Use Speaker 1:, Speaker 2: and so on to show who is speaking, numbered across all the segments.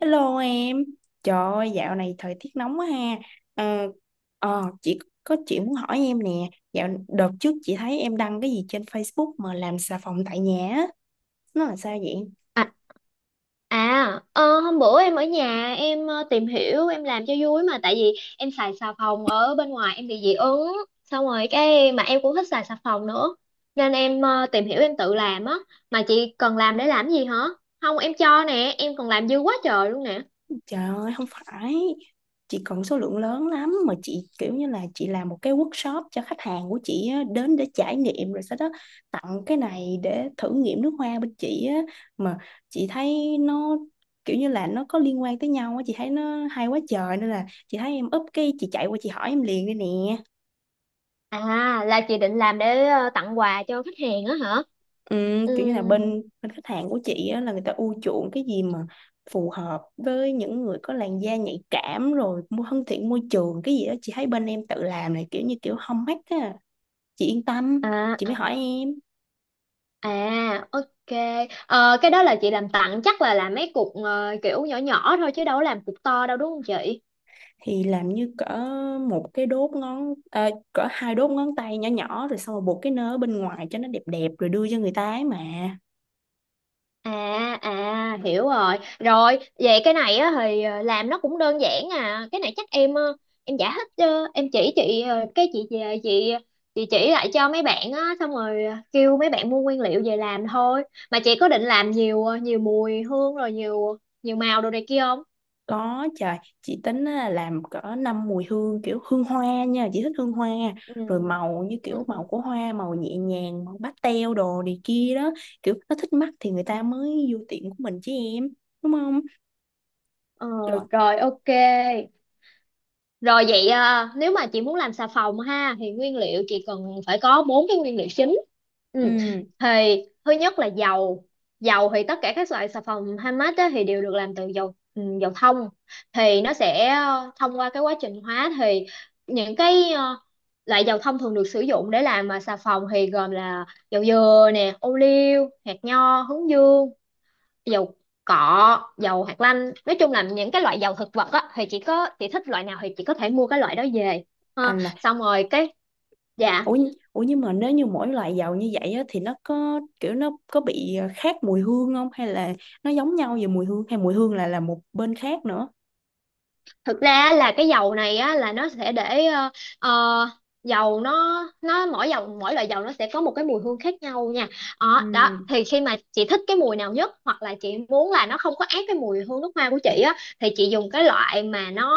Speaker 1: Hello em, trời ơi, dạo này thời tiết nóng quá ha. Ờ, chị có chuyện muốn hỏi em nè. Dạo đợt trước chị thấy em đăng cái gì trên Facebook mà làm xà phòng tại nhà á, nó là sao vậy?
Speaker 2: À, hôm bữa em ở nhà em tìm hiểu em làm cho vui, mà tại vì em xài xà phòng ở bên ngoài em bị dị ứng, xong rồi cái mà em cũng thích xài xà phòng nữa nên em tìm hiểu em tự làm á. Mà chị cần làm để làm gì hả? Không, em cho nè, em còn làm dư quá trời luôn nè.
Speaker 1: Trời ơi, không phải. Chị cần số lượng lớn lắm. Mà chị kiểu như là chị làm một cái workshop cho khách hàng của chị á, đến để trải nghiệm, rồi sau đó tặng cái này để thử nghiệm nước hoa bên chị á. Mà chị thấy nó kiểu như là nó có liên quan tới nhau á. Chị thấy nó hay quá trời, nên là chị thấy em up cái chị chạy qua chị hỏi em liền đây nè.
Speaker 2: À, là chị định làm để tặng quà cho khách hàng á hả?
Speaker 1: Ừ, kiểu như là
Speaker 2: Ừm.
Speaker 1: bên bên khách hàng của chị á, là người ta ưa chuộng cái gì mà phù hợp với những người có làn da nhạy cảm rồi mua thân thiện môi trường cái gì đó, chị thấy bên em tự làm này kiểu như kiểu hông hách á, chị yên tâm
Speaker 2: à
Speaker 1: chị mới
Speaker 2: à
Speaker 1: hỏi em.
Speaker 2: à, ok. Cái đó là chị làm tặng chắc là làm mấy cục kiểu nhỏ nhỏ thôi chứ đâu có làm cục to đâu đúng không chị?
Speaker 1: Thì làm như cỡ một cái đốt ngón à, cỡ hai đốt ngón tay nhỏ nhỏ, rồi xong rồi buộc cái nơ ở bên ngoài cho nó đẹp đẹp rồi đưa cho người ta ấy mà.
Speaker 2: À à, hiểu rồi. Rồi, vậy cái này á thì làm nó cũng đơn giản à. Cái này chắc em giải thích cho em chỉ chị cái chị về chị chỉ lại cho mấy bạn á, xong rồi kêu mấy bạn mua nguyên liệu về làm thôi. Mà chị có định làm nhiều mùi hương rồi nhiều nhiều màu đồ này kia không?
Speaker 1: Có trời, chị tính á, làm cỡ năm mùi hương kiểu hương hoa nha, chị thích hương hoa.
Speaker 2: Ừ.
Speaker 1: Rồi màu như kiểu
Speaker 2: Ừ.
Speaker 1: màu của hoa, màu nhẹ nhàng, màu pastel đồ này kia đó. Kiểu nó thích mắt thì người ta mới vô tiệm của mình chứ em, đúng không?
Speaker 2: Ờ
Speaker 1: Rồi,
Speaker 2: Rồi ok. Rồi vậy à, nếu mà chị muốn làm xà phòng ha thì nguyên liệu chị cần phải có bốn cái nguyên liệu chính. Ừ.
Speaker 1: ừ,
Speaker 2: Thì thứ nhất là dầu. Dầu thì tất cả các loại xà phòng handmade á thì đều được làm từ dầu thông. Thì nó sẽ thông qua cái quá trình hóa thì những cái loại dầu thông thường được sử dụng để làm mà xà phòng thì gồm là dầu dừa nè, ô liu, hạt nho, hướng dương, dầu cọ, dầu hạt lanh, nói chung là những cái loại dầu thực vật á thì chỉ có chị thích loại nào thì chị có thể mua cái loại đó về ha,
Speaker 1: anh là,
Speaker 2: xong rồi cái dạ.
Speaker 1: ủa, ủa nhưng mà nếu như mỗi loại dầu như vậy á, thì nó có kiểu nó có bị khác mùi hương không? Hay là nó giống nhau về mùi hương, hay mùi hương là một bên khác nữa?
Speaker 2: Thực ra á, là cái dầu này á là nó sẽ để ờ, dầu nó mỗi loại dầu nó sẽ có một cái mùi hương khác nhau nha. Ờ,
Speaker 1: Ừ.
Speaker 2: Đó thì khi mà chị thích cái mùi nào nhất hoặc là chị muốn là nó không có át cái mùi hương nước hoa của chị á thì chị dùng cái loại mà nó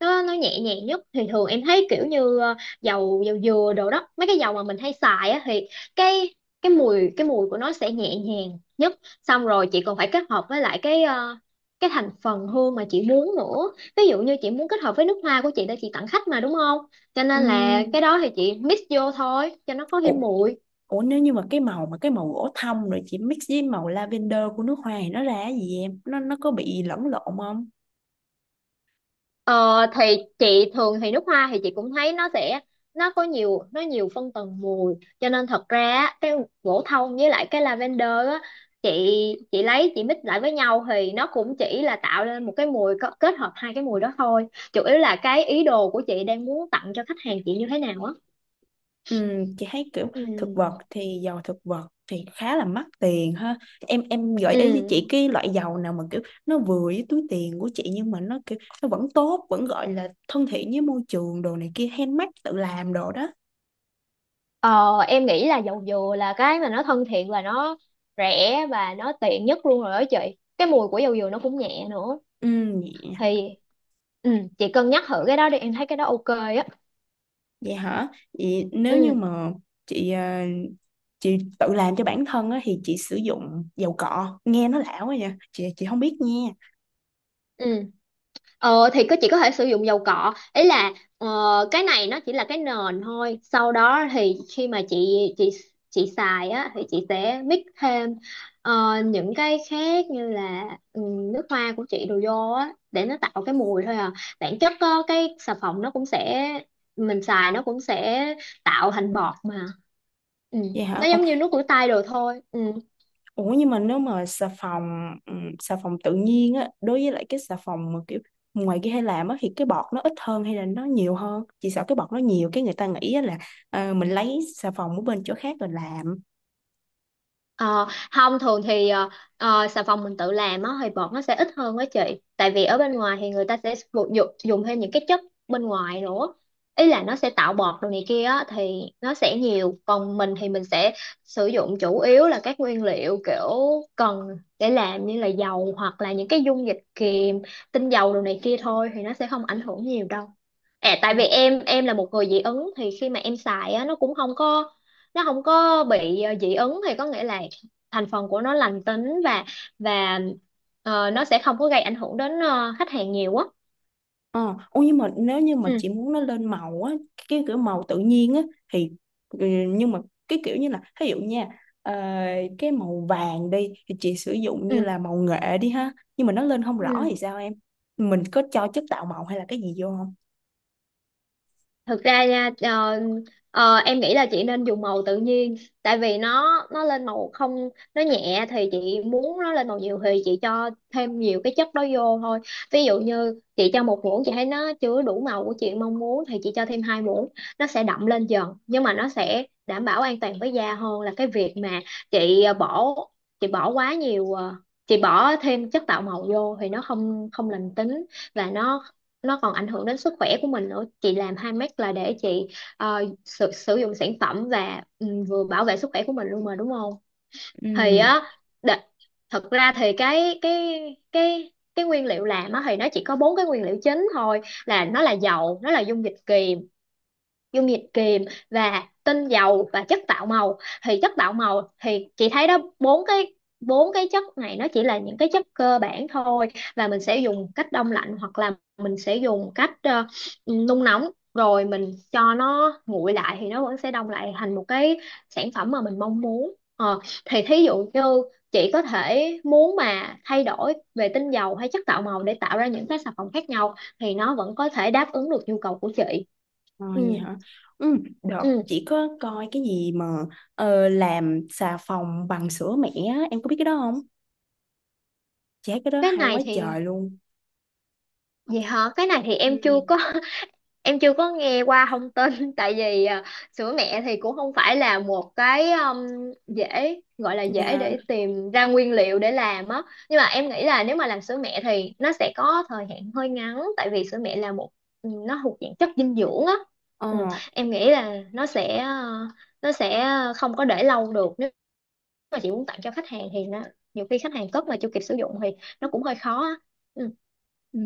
Speaker 2: nó nó nhẹ nhàng nhất, thì thường em thấy kiểu như dầu dầu dừa đồ đó, mấy cái dầu mà mình hay xài á thì cái cái mùi của nó sẽ nhẹ nhàng nhất, xong rồi chị còn phải kết hợp với lại cái cái thành phần hương mà chị muốn nữa. Ví dụ như chị muốn kết hợp với nước hoa của chị để chị tặng khách mà đúng không, cho
Speaker 1: Ừ.
Speaker 2: nên là cái đó thì chị mix vô thôi cho nó có thêm mùi.
Speaker 1: Ủa nếu như mà cái màu gỗ thông rồi chị mix với màu lavender của nước hoa thì nó ra cái gì em? Nó có bị lẫn lộn không?
Speaker 2: Ờ, thì chị thường thì nước hoa thì chị cũng thấy nó sẽ có nhiều, nhiều phân tầng mùi, cho nên thật ra á, cái gỗ thông với lại cái lavender á, chị chị lấy chị mix lại với nhau thì nó cũng chỉ là tạo nên một cái mùi kết hợp hai cái mùi đó thôi, chủ yếu là cái ý đồ của chị đang muốn tặng cho khách hàng chị như thế nào á.
Speaker 1: Ừ, chị thấy kiểu thực vật
Speaker 2: Ừ.
Speaker 1: thì dầu thực vật thì khá là mắc tiền ha. Em gợi ý với
Speaker 2: Ừ.
Speaker 1: chị cái loại dầu nào mà kiểu nó vừa với túi tiền của chị nhưng mà nó kiểu nó vẫn tốt, vẫn gọi là thân thiện với môi trường đồ này kia handmade tự làm đồ đó.
Speaker 2: Ờ, em nghĩ là dầu dừa là cái mà nó thân thiện và nó rẻ và nó tiện nhất luôn rồi đó chị. Cái mùi của dầu dừa nó cũng nhẹ nữa.
Speaker 1: Ừ.
Speaker 2: Thì ừ, chị cân nhắc thử cái đó đi, em thấy cái đó ok á.
Speaker 1: Vậy hả? Vậy nếu như
Speaker 2: Ừ.
Speaker 1: mà chị chị tự làm cho bản thân á, thì chị sử dụng dầu cọ nghe nó lão quá nha chị không biết nha.
Speaker 2: Ừ. Ờ thì chị có thể sử dụng dầu cọ, ý là ờ, cái này nó chỉ là cái nền thôi, sau đó thì khi mà chị chị xài á thì chị sẽ mix thêm những cái khác như là ừ, nước hoa của chị đồ vô á để nó tạo cái mùi thôi à. Bản chất á, cái xà phòng nó cũng sẽ, mình xài nó cũng sẽ tạo thành bọt mà. Ừ.
Speaker 1: Vậy
Speaker 2: Nó
Speaker 1: hả? Ồ,
Speaker 2: giống như nước rửa tay đồ thôi. Ừ.
Speaker 1: ủa nhưng mà nếu mà xà phòng tự nhiên á đối với lại cái xà phòng mà kiểu ngoài kia hay làm á thì cái bọt nó ít hơn hay là nó nhiều hơn? Chị sợ cái bọt nó nhiều cái người ta nghĩ á là mình lấy xà phòng ở bên chỗ khác rồi làm.
Speaker 2: Ờ, không, thường thì xà phòng mình tự làm á thì bọt nó sẽ ít hơn á chị, tại vì ở bên ngoài thì người ta sẽ dùng thêm những cái chất bên ngoài nữa, ý là nó sẽ tạo bọt đồ này kia á thì nó sẽ nhiều, còn mình thì mình sẽ sử dụng chủ yếu là các nguyên liệu kiểu cần để làm như là dầu hoặc là những cái dung dịch kiềm, tinh dầu đồ này kia thôi thì nó sẽ không ảnh hưởng nhiều đâu. À, tại vì em là một người dị ứng, thì khi mà em xài á nó cũng không có, nó không có bị dị ứng, thì có nghĩa là thành phần của nó lành tính và và nó sẽ không có gây ảnh hưởng đến khách hàng nhiều á.
Speaker 1: Ờ, ô nhưng mà nếu như mà
Speaker 2: Ừ.
Speaker 1: chị muốn nó lên màu á, cái kiểu màu tự nhiên á thì ừ, nhưng mà cái kiểu như là ví dụ nha, ờ, cái màu vàng đi thì chị sử dụng
Speaker 2: Ừ.
Speaker 1: như là màu nghệ đi ha nhưng mà nó lên không rõ
Speaker 2: Ừ.
Speaker 1: thì sao em, mình có cho chất tạo màu hay là cái gì vô không?
Speaker 2: Thực ra nha, em nghĩ là chị nên dùng màu tự nhiên, tại vì nó lên màu không, nó nhẹ thì chị muốn nó lên màu nhiều thì chị cho thêm nhiều cái chất đó vô thôi. Ví dụ như chị cho một muỗng, chị thấy nó chưa đủ màu của chị mong muốn thì chị cho thêm hai muỗng nó sẽ đậm lên dần, nhưng mà nó sẽ đảm bảo an toàn với da hơn là cái việc mà chị ờ, bỏ chị bỏ quá nhiều, chị bỏ thêm chất tạo màu vô thì nó không không lành tính, và nó còn ảnh hưởng đến sức khỏe của mình nữa, chị làm handmade là để chị sử dụng sản phẩm và vừa bảo vệ sức khỏe của mình luôn mà đúng không? Thì
Speaker 1: Ừm,
Speaker 2: á, đ- thật ra thì cái nguyên liệu làm á thì nó chỉ có bốn cái nguyên liệu chính thôi, là nó là dầu, nó là dung dịch kiềm, dung dịch kiềm và tinh dầu và chất tạo màu. Thì chất tạo màu thì chị thấy đó, bốn cái chất này nó chỉ là những cái chất cơ bản thôi, và mình sẽ dùng cách đông lạnh hoặc là mình sẽ dùng cách nung nóng rồi mình cho nó nguội lại thì nó vẫn sẽ đông lại thành một cái sản phẩm mà mình mong muốn. Ờ, thì thí dụ như chị có thể muốn mà thay đổi về tinh dầu hay chất tạo màu để tạo ra những cái sản phẩm khác nhau thì nó vẫn có thể đáp ứng được nhu cầu của chị.
Speaker 1: Ờ
Speaker 2: Ừ.
Speaker 1: vậy hả? Ừ, đợt
Speaker 2: Ừ.
Speaker 1: chị có coi cái gì mà làm xà phòng bằng sữa mẹ á, em có biết cái đó không? Chị thấy cái đó
Speaker 2: Cái
Speaker 1: hay
Speaker 2: này
Speaker 1: quá
Speaker 2: thì
Speaker 1: trời luôn.
Speaker 2: gì hả? Cái này thì em chưa có
Speaker 1: Ừm.
Speaker 2: em chưa có nghe qua thông tin. Tại vì à, sữa mẹ thì cũng không phải là một cái, dễ gọi là dễ
Speaker 1: Dạ.
Speaker 2: để tìm ra nguyên liệu để làm á. Nhưng mà em nghĩ là nếu mà làm sữa mẹ thì nó sẽ có thời hạn hơi ngắn, tại vì sữa mẹ là nó thuộc dạng chất dinh dưỡng á. ừ,
Speaker 1: Ờ.
Speaker 2: em nghĩ là nó sẽ không có để lâu được, nếu mà chị muốn tặng cho khách hàng thì nó nhiều khi khách hàng cất mà chưa kịp sử dụng thì nó cũng hơi khó á. Ừ.
Speaker 1: Ừ.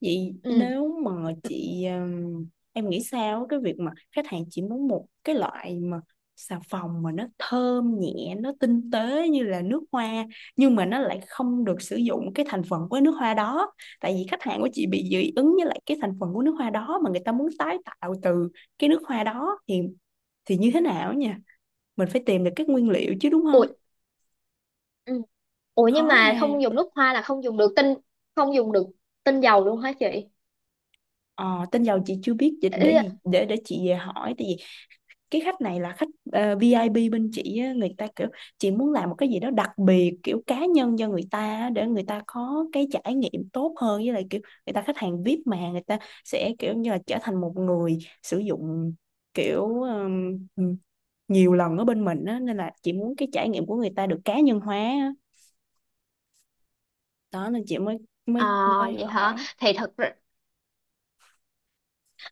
Speaker 1: Vậy
Speaker 2: Ừ.
Speaker 1: nếu mà
Speaker 2: Ừ.
Speaker 1: chị em nghĩ sao cái việc mà khách hàng chỉ muốn một cái loại mà xà phòng mà nó thơm nhẹ, nó tinh tế như là nước hoa nhưng mà nó lại không được sử dụng cái thành phần của nước hoa đó. Tại vì khách hàng của chị bị dị ứng với lại cái thành phần của nước hoa đó mà người ta muốn tái tạo từ cái nước hoa đó thì như thế nào nha? Mình phải tìm được các nguyên liệu chứ đúng
Speaker 2: Ủa.
Speaker 1: không?
Speaker 2: Ừ. Ủa
Speaker 1: Khó
Speaker 2: nhưng mà không
Speaker 1: ha.
Speaker 2: dùng nước hoa là không dùng được tinh dầu luôn hả chị?
Speaker 1: Ờ, tên giàu chị chưa biết
Speaker 2: Ý-
Speaker 1: để chị về hỏi, tại vì cái khách này là khách VIP bên chị á, người ta kiểu chị muốn làm một cái gì đó đặc biệt kiểu cá nhân cho người ta á, để người ta có cái trải nghiệm tốt hơn với lại kiểu người ta khách hàng VIP mà người ta sẽ kiểu như là trở thành một người sử dụng kiểu nhiều lần ở bên mình á, nên là chị muốn cái trải nghiệm của người ta được cá nhân hóa á. Đó nên chị mới mới
Speaker 2: À
Speaker 1: mới
Speaker 2: vậy hả?
Speaker 1: hỏi.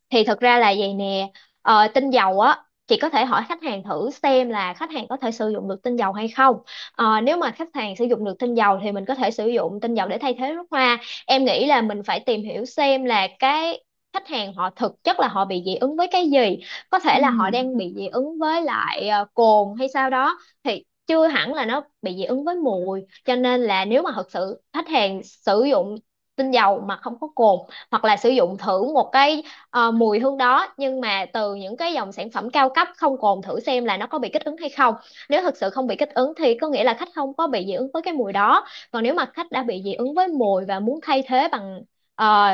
Speaker 2: Thì thật ra là vậy nè, tinh dầu á chị có thể hỏi khách hàng thử xem là khách hàng có thể sử dụng được tinh dầu hay không. Ờ, nếu mà khách hàng sử dụng được tinh dầu thì mình có thể sử dụng tinh dầu để thay thế nước hoa. Em nghĩ là mình phải tìm hiểu xem là cái khách hàng họ thực chất là họ bị dị ứng với cái gì, có thể là họ
Speaker 1: Ừ.
Speaker 2: đang bị dị ứng với lại cồn hay sao đó, thì chưa hẳn là nó bị dị ứng với mùi, cho nên là nếu mà thật sự khách hàng sử dụng tinh dầu mà không có cồn, hoặc là sử dụng thử một cái mùi hương đó nhưng mà từ những cái dòng sản phẩm cao cấp không cồn, thử xem là nó có bị kích ứng hay không. Nếu thực sự không bị kích ứng thì có nghĩa là khách không có bị dị ứng với cái mùi đó, còn nếu mà khách đã bị dị ứng với mùi và muốn thay thế bằng ờ,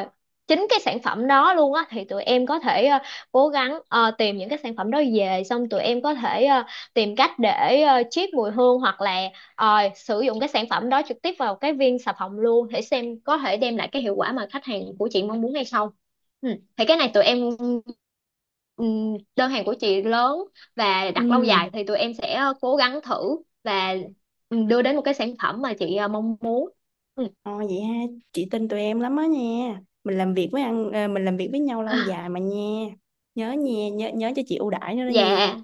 Speaker 2: chính cái sản phẩm đó luôn á thì tụi em có thể cố gắng tìm những cái sản phẩm đó về, xong tụi em có thể tìm cách để chiết mùi hương hoặc là sử dụng cái sản phẩm đó trực tiếp vào cái viên xà phòng luôn, để xem có thể đem lại cái hiệu quả mà khách hàng của chị mong muốn hay không. Ừ. Thì cái này tụi em, đơn hàng của chị lớn và đặt lâu dài
Speaker 1: Ừ.
Speaker 2: thì tụi em sẽ cố gắng thử và đưa đến một cái sản phẩm mà chị mong muốn. Ừ.
Speaker 1: Ồ vậy ha, chị tin tụi em lắm á nha. Mình làm việc với mình làm việc với nhau lâu dài mà nha. Nhớ nha, nhớ nhớ cho chị ưu đãi nữa đó nha.
Speaker 2: Dạ.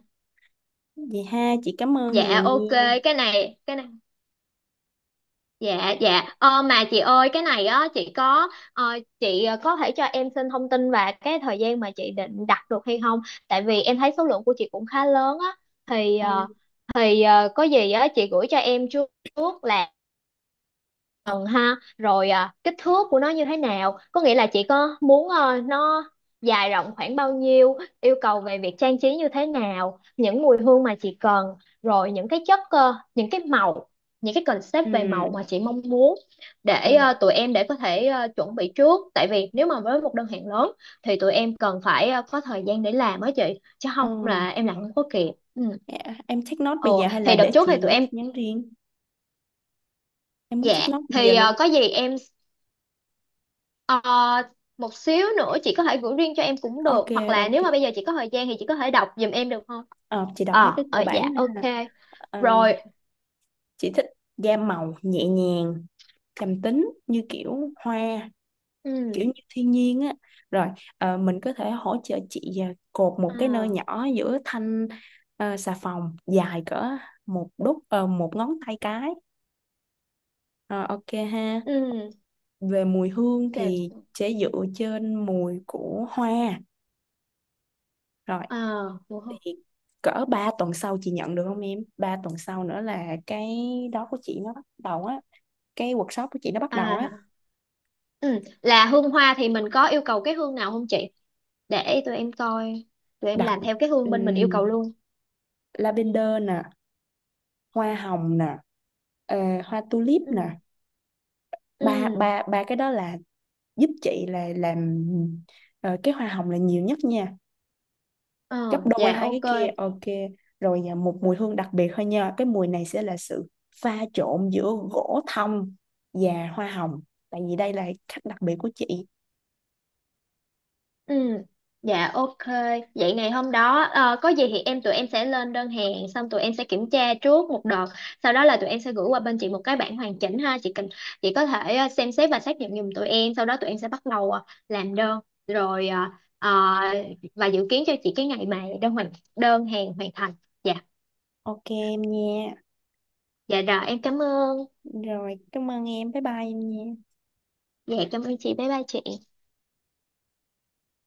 Speaker 1: Vậy ha, chị cảm ơn nhiều
Speaker 2: Dạ ok.
Speaker 1: nha.
Speaker 2: Cái này Dạ. Dạ, mà chị ơi, cái này á chị có có thể cho em xin thông tin và cái thời gian mà chị định đặt được hay không, tại vì em thấy số lượng của chị cũng khá lớn á. Thì
Speaker 1: Ừ.
Speaker 2: có gì á chị gửi cho em trước, trước là phần ha, rồi à, kích thước của nó như thế nào, có nghĩa là chị có muốn nó dài rộng khoảng bao nhiêu, yêu cầu về việc trang trí như thế nào, những mùi hương mà chị cần, rồi những cái những cái màu, những cái concept về
Speaker 1: Ừ.
Speaker 2: màu mà chị mong muốn, để
Speaker 1: Ừ.
Speaker 2: tụi em để có thể chuẩn bị trước. Tại vì nếu mà với một đơn hàng lớn thì tụi em cần phải có thời gian để làm á chị, chứ
Speaker 1: Ờ,
Speaker 2: không là em làm không có kịp. Ừ.
Speaker 1: dạ. Em take note bây giờ
Speaker 2: Ồ,
Speaker 1: hay là
Speaker 2: thì đợt
Speaker 1: để
Speaker 2: trước
Speaker 1: chị
Speaker 2: thì tụi
Speaker 1: gửi tin
Speaker 2: em.
Speaker 1: nhắn riêng? Em muốn
Speaker 2: Dạ
Speaker 1: take note bây giờ
Speaker 2: thì
Speaker 1: luôn.
Speaker 2: có gì em. Ờ, một xíu nữa chị có thể gửi riêng cho em cũng
Speaker 1: Ok,
Speaker 2: được, hoặc là nếu mà
Speaker 1: ok.
Speaker 2: bây giờ chị có thời gian thì chị có thể đọc giùm em được không?
Speaker 1: Ờ, chị đọc mấy cái cơ bản
Speaker 2: Dạ
Speaker 1: này
Speaker 2: ok.
Speaker 1: ha. Ờ,
Speaker 2: Rồi.
Speaker 1: chị thích gam màu nhẹ nhàng, trầm tính như kiểu hoa, kiểu
Speaker 2: Ừ.
Speaker 1: như thiên nhiên á. Rồi mình có thể hỗ trợ chị à, cột một cái nơ
Speaker 2: ờ,
Speaker 1: nhỏ giữa thanh xà phòng dài cỡ một đúc một ngón tay cái. Ờ, ok ha.
Speaker 2: ừ.
Speaker 1: Về mùi hương
Speaker 2: Đẹp.
Speaker 1: thì sẽ dựa trên mùi của hoa. Rồi
Speaker 2: Ờ, đúng không?
Speaker 1: thì cỡ 3 tuần sau chị nhận được không em? Ba tuần sau nữa là cái đó của chị nó bắt đầu á, cái workshop của chị nó bắt đầu
Speaker 2: À.
Speaker 1: á.
Speaker 2: Ừ. Là hương hoa thì mình có yêu cầu cái hương nào không chị? Để tụi em coi, tụi em
Speaker 1: Đặt
Speaker 2: làm theo cái hương bên mình yêu
Speaker 1: ừm,
Speaker 2: cầu luôn.
Speaker 1: lavender nè, hoa hồng nè, ờ, hoa tulip
Speaker 2: Ừ.
Speaker 1: nè. Ba
Speaker 2: Ừ.
Speaker 1: ba Ba cái đó là giúp chị là làm cái hoa hồng là nhiều nhất nha, gấp
Speaker 2: ờ
Speaker 1: đôi
Speaker 2: dạ
Speaker 1: hai
Speaker 2: ok.
Speaker 1: cái kia. Ok, rồi à, một mùi hương đặc biệt thôi nha, cái mùi này sẽ là sự pha trộn giữa gỗ thông và hoa hồng, tại vì đây là khách đặc biệt của chị.
Speaker 2: Ừ. Dạ ok. Vậy ngày hôm đó có gì thì tụi em sẽ lên đơn hàng, xong tụi em sẽ kiểm tra trước một đợt. Sau đó là tụi em sẽ gửi qua bên chị một cái bản hoàn chỉnh ha. Chị có thể xem xét và xác nhận giùm tụi em. Sau đó tụi em sẽ bắt đầu làm đơn, rồi ờ, và dự kiến cho chị cái ngày mà đơn hàng hoàn thành. Dạ.
Speaker 1: Ok em nha.
Speaker 2: Dạ rồi, em cảm ơn.
Speaker 1: Rồi cảm ơn em, bye bye em nha.
Speaker 2: Dạ cảm ơn chị. Bye bye chị.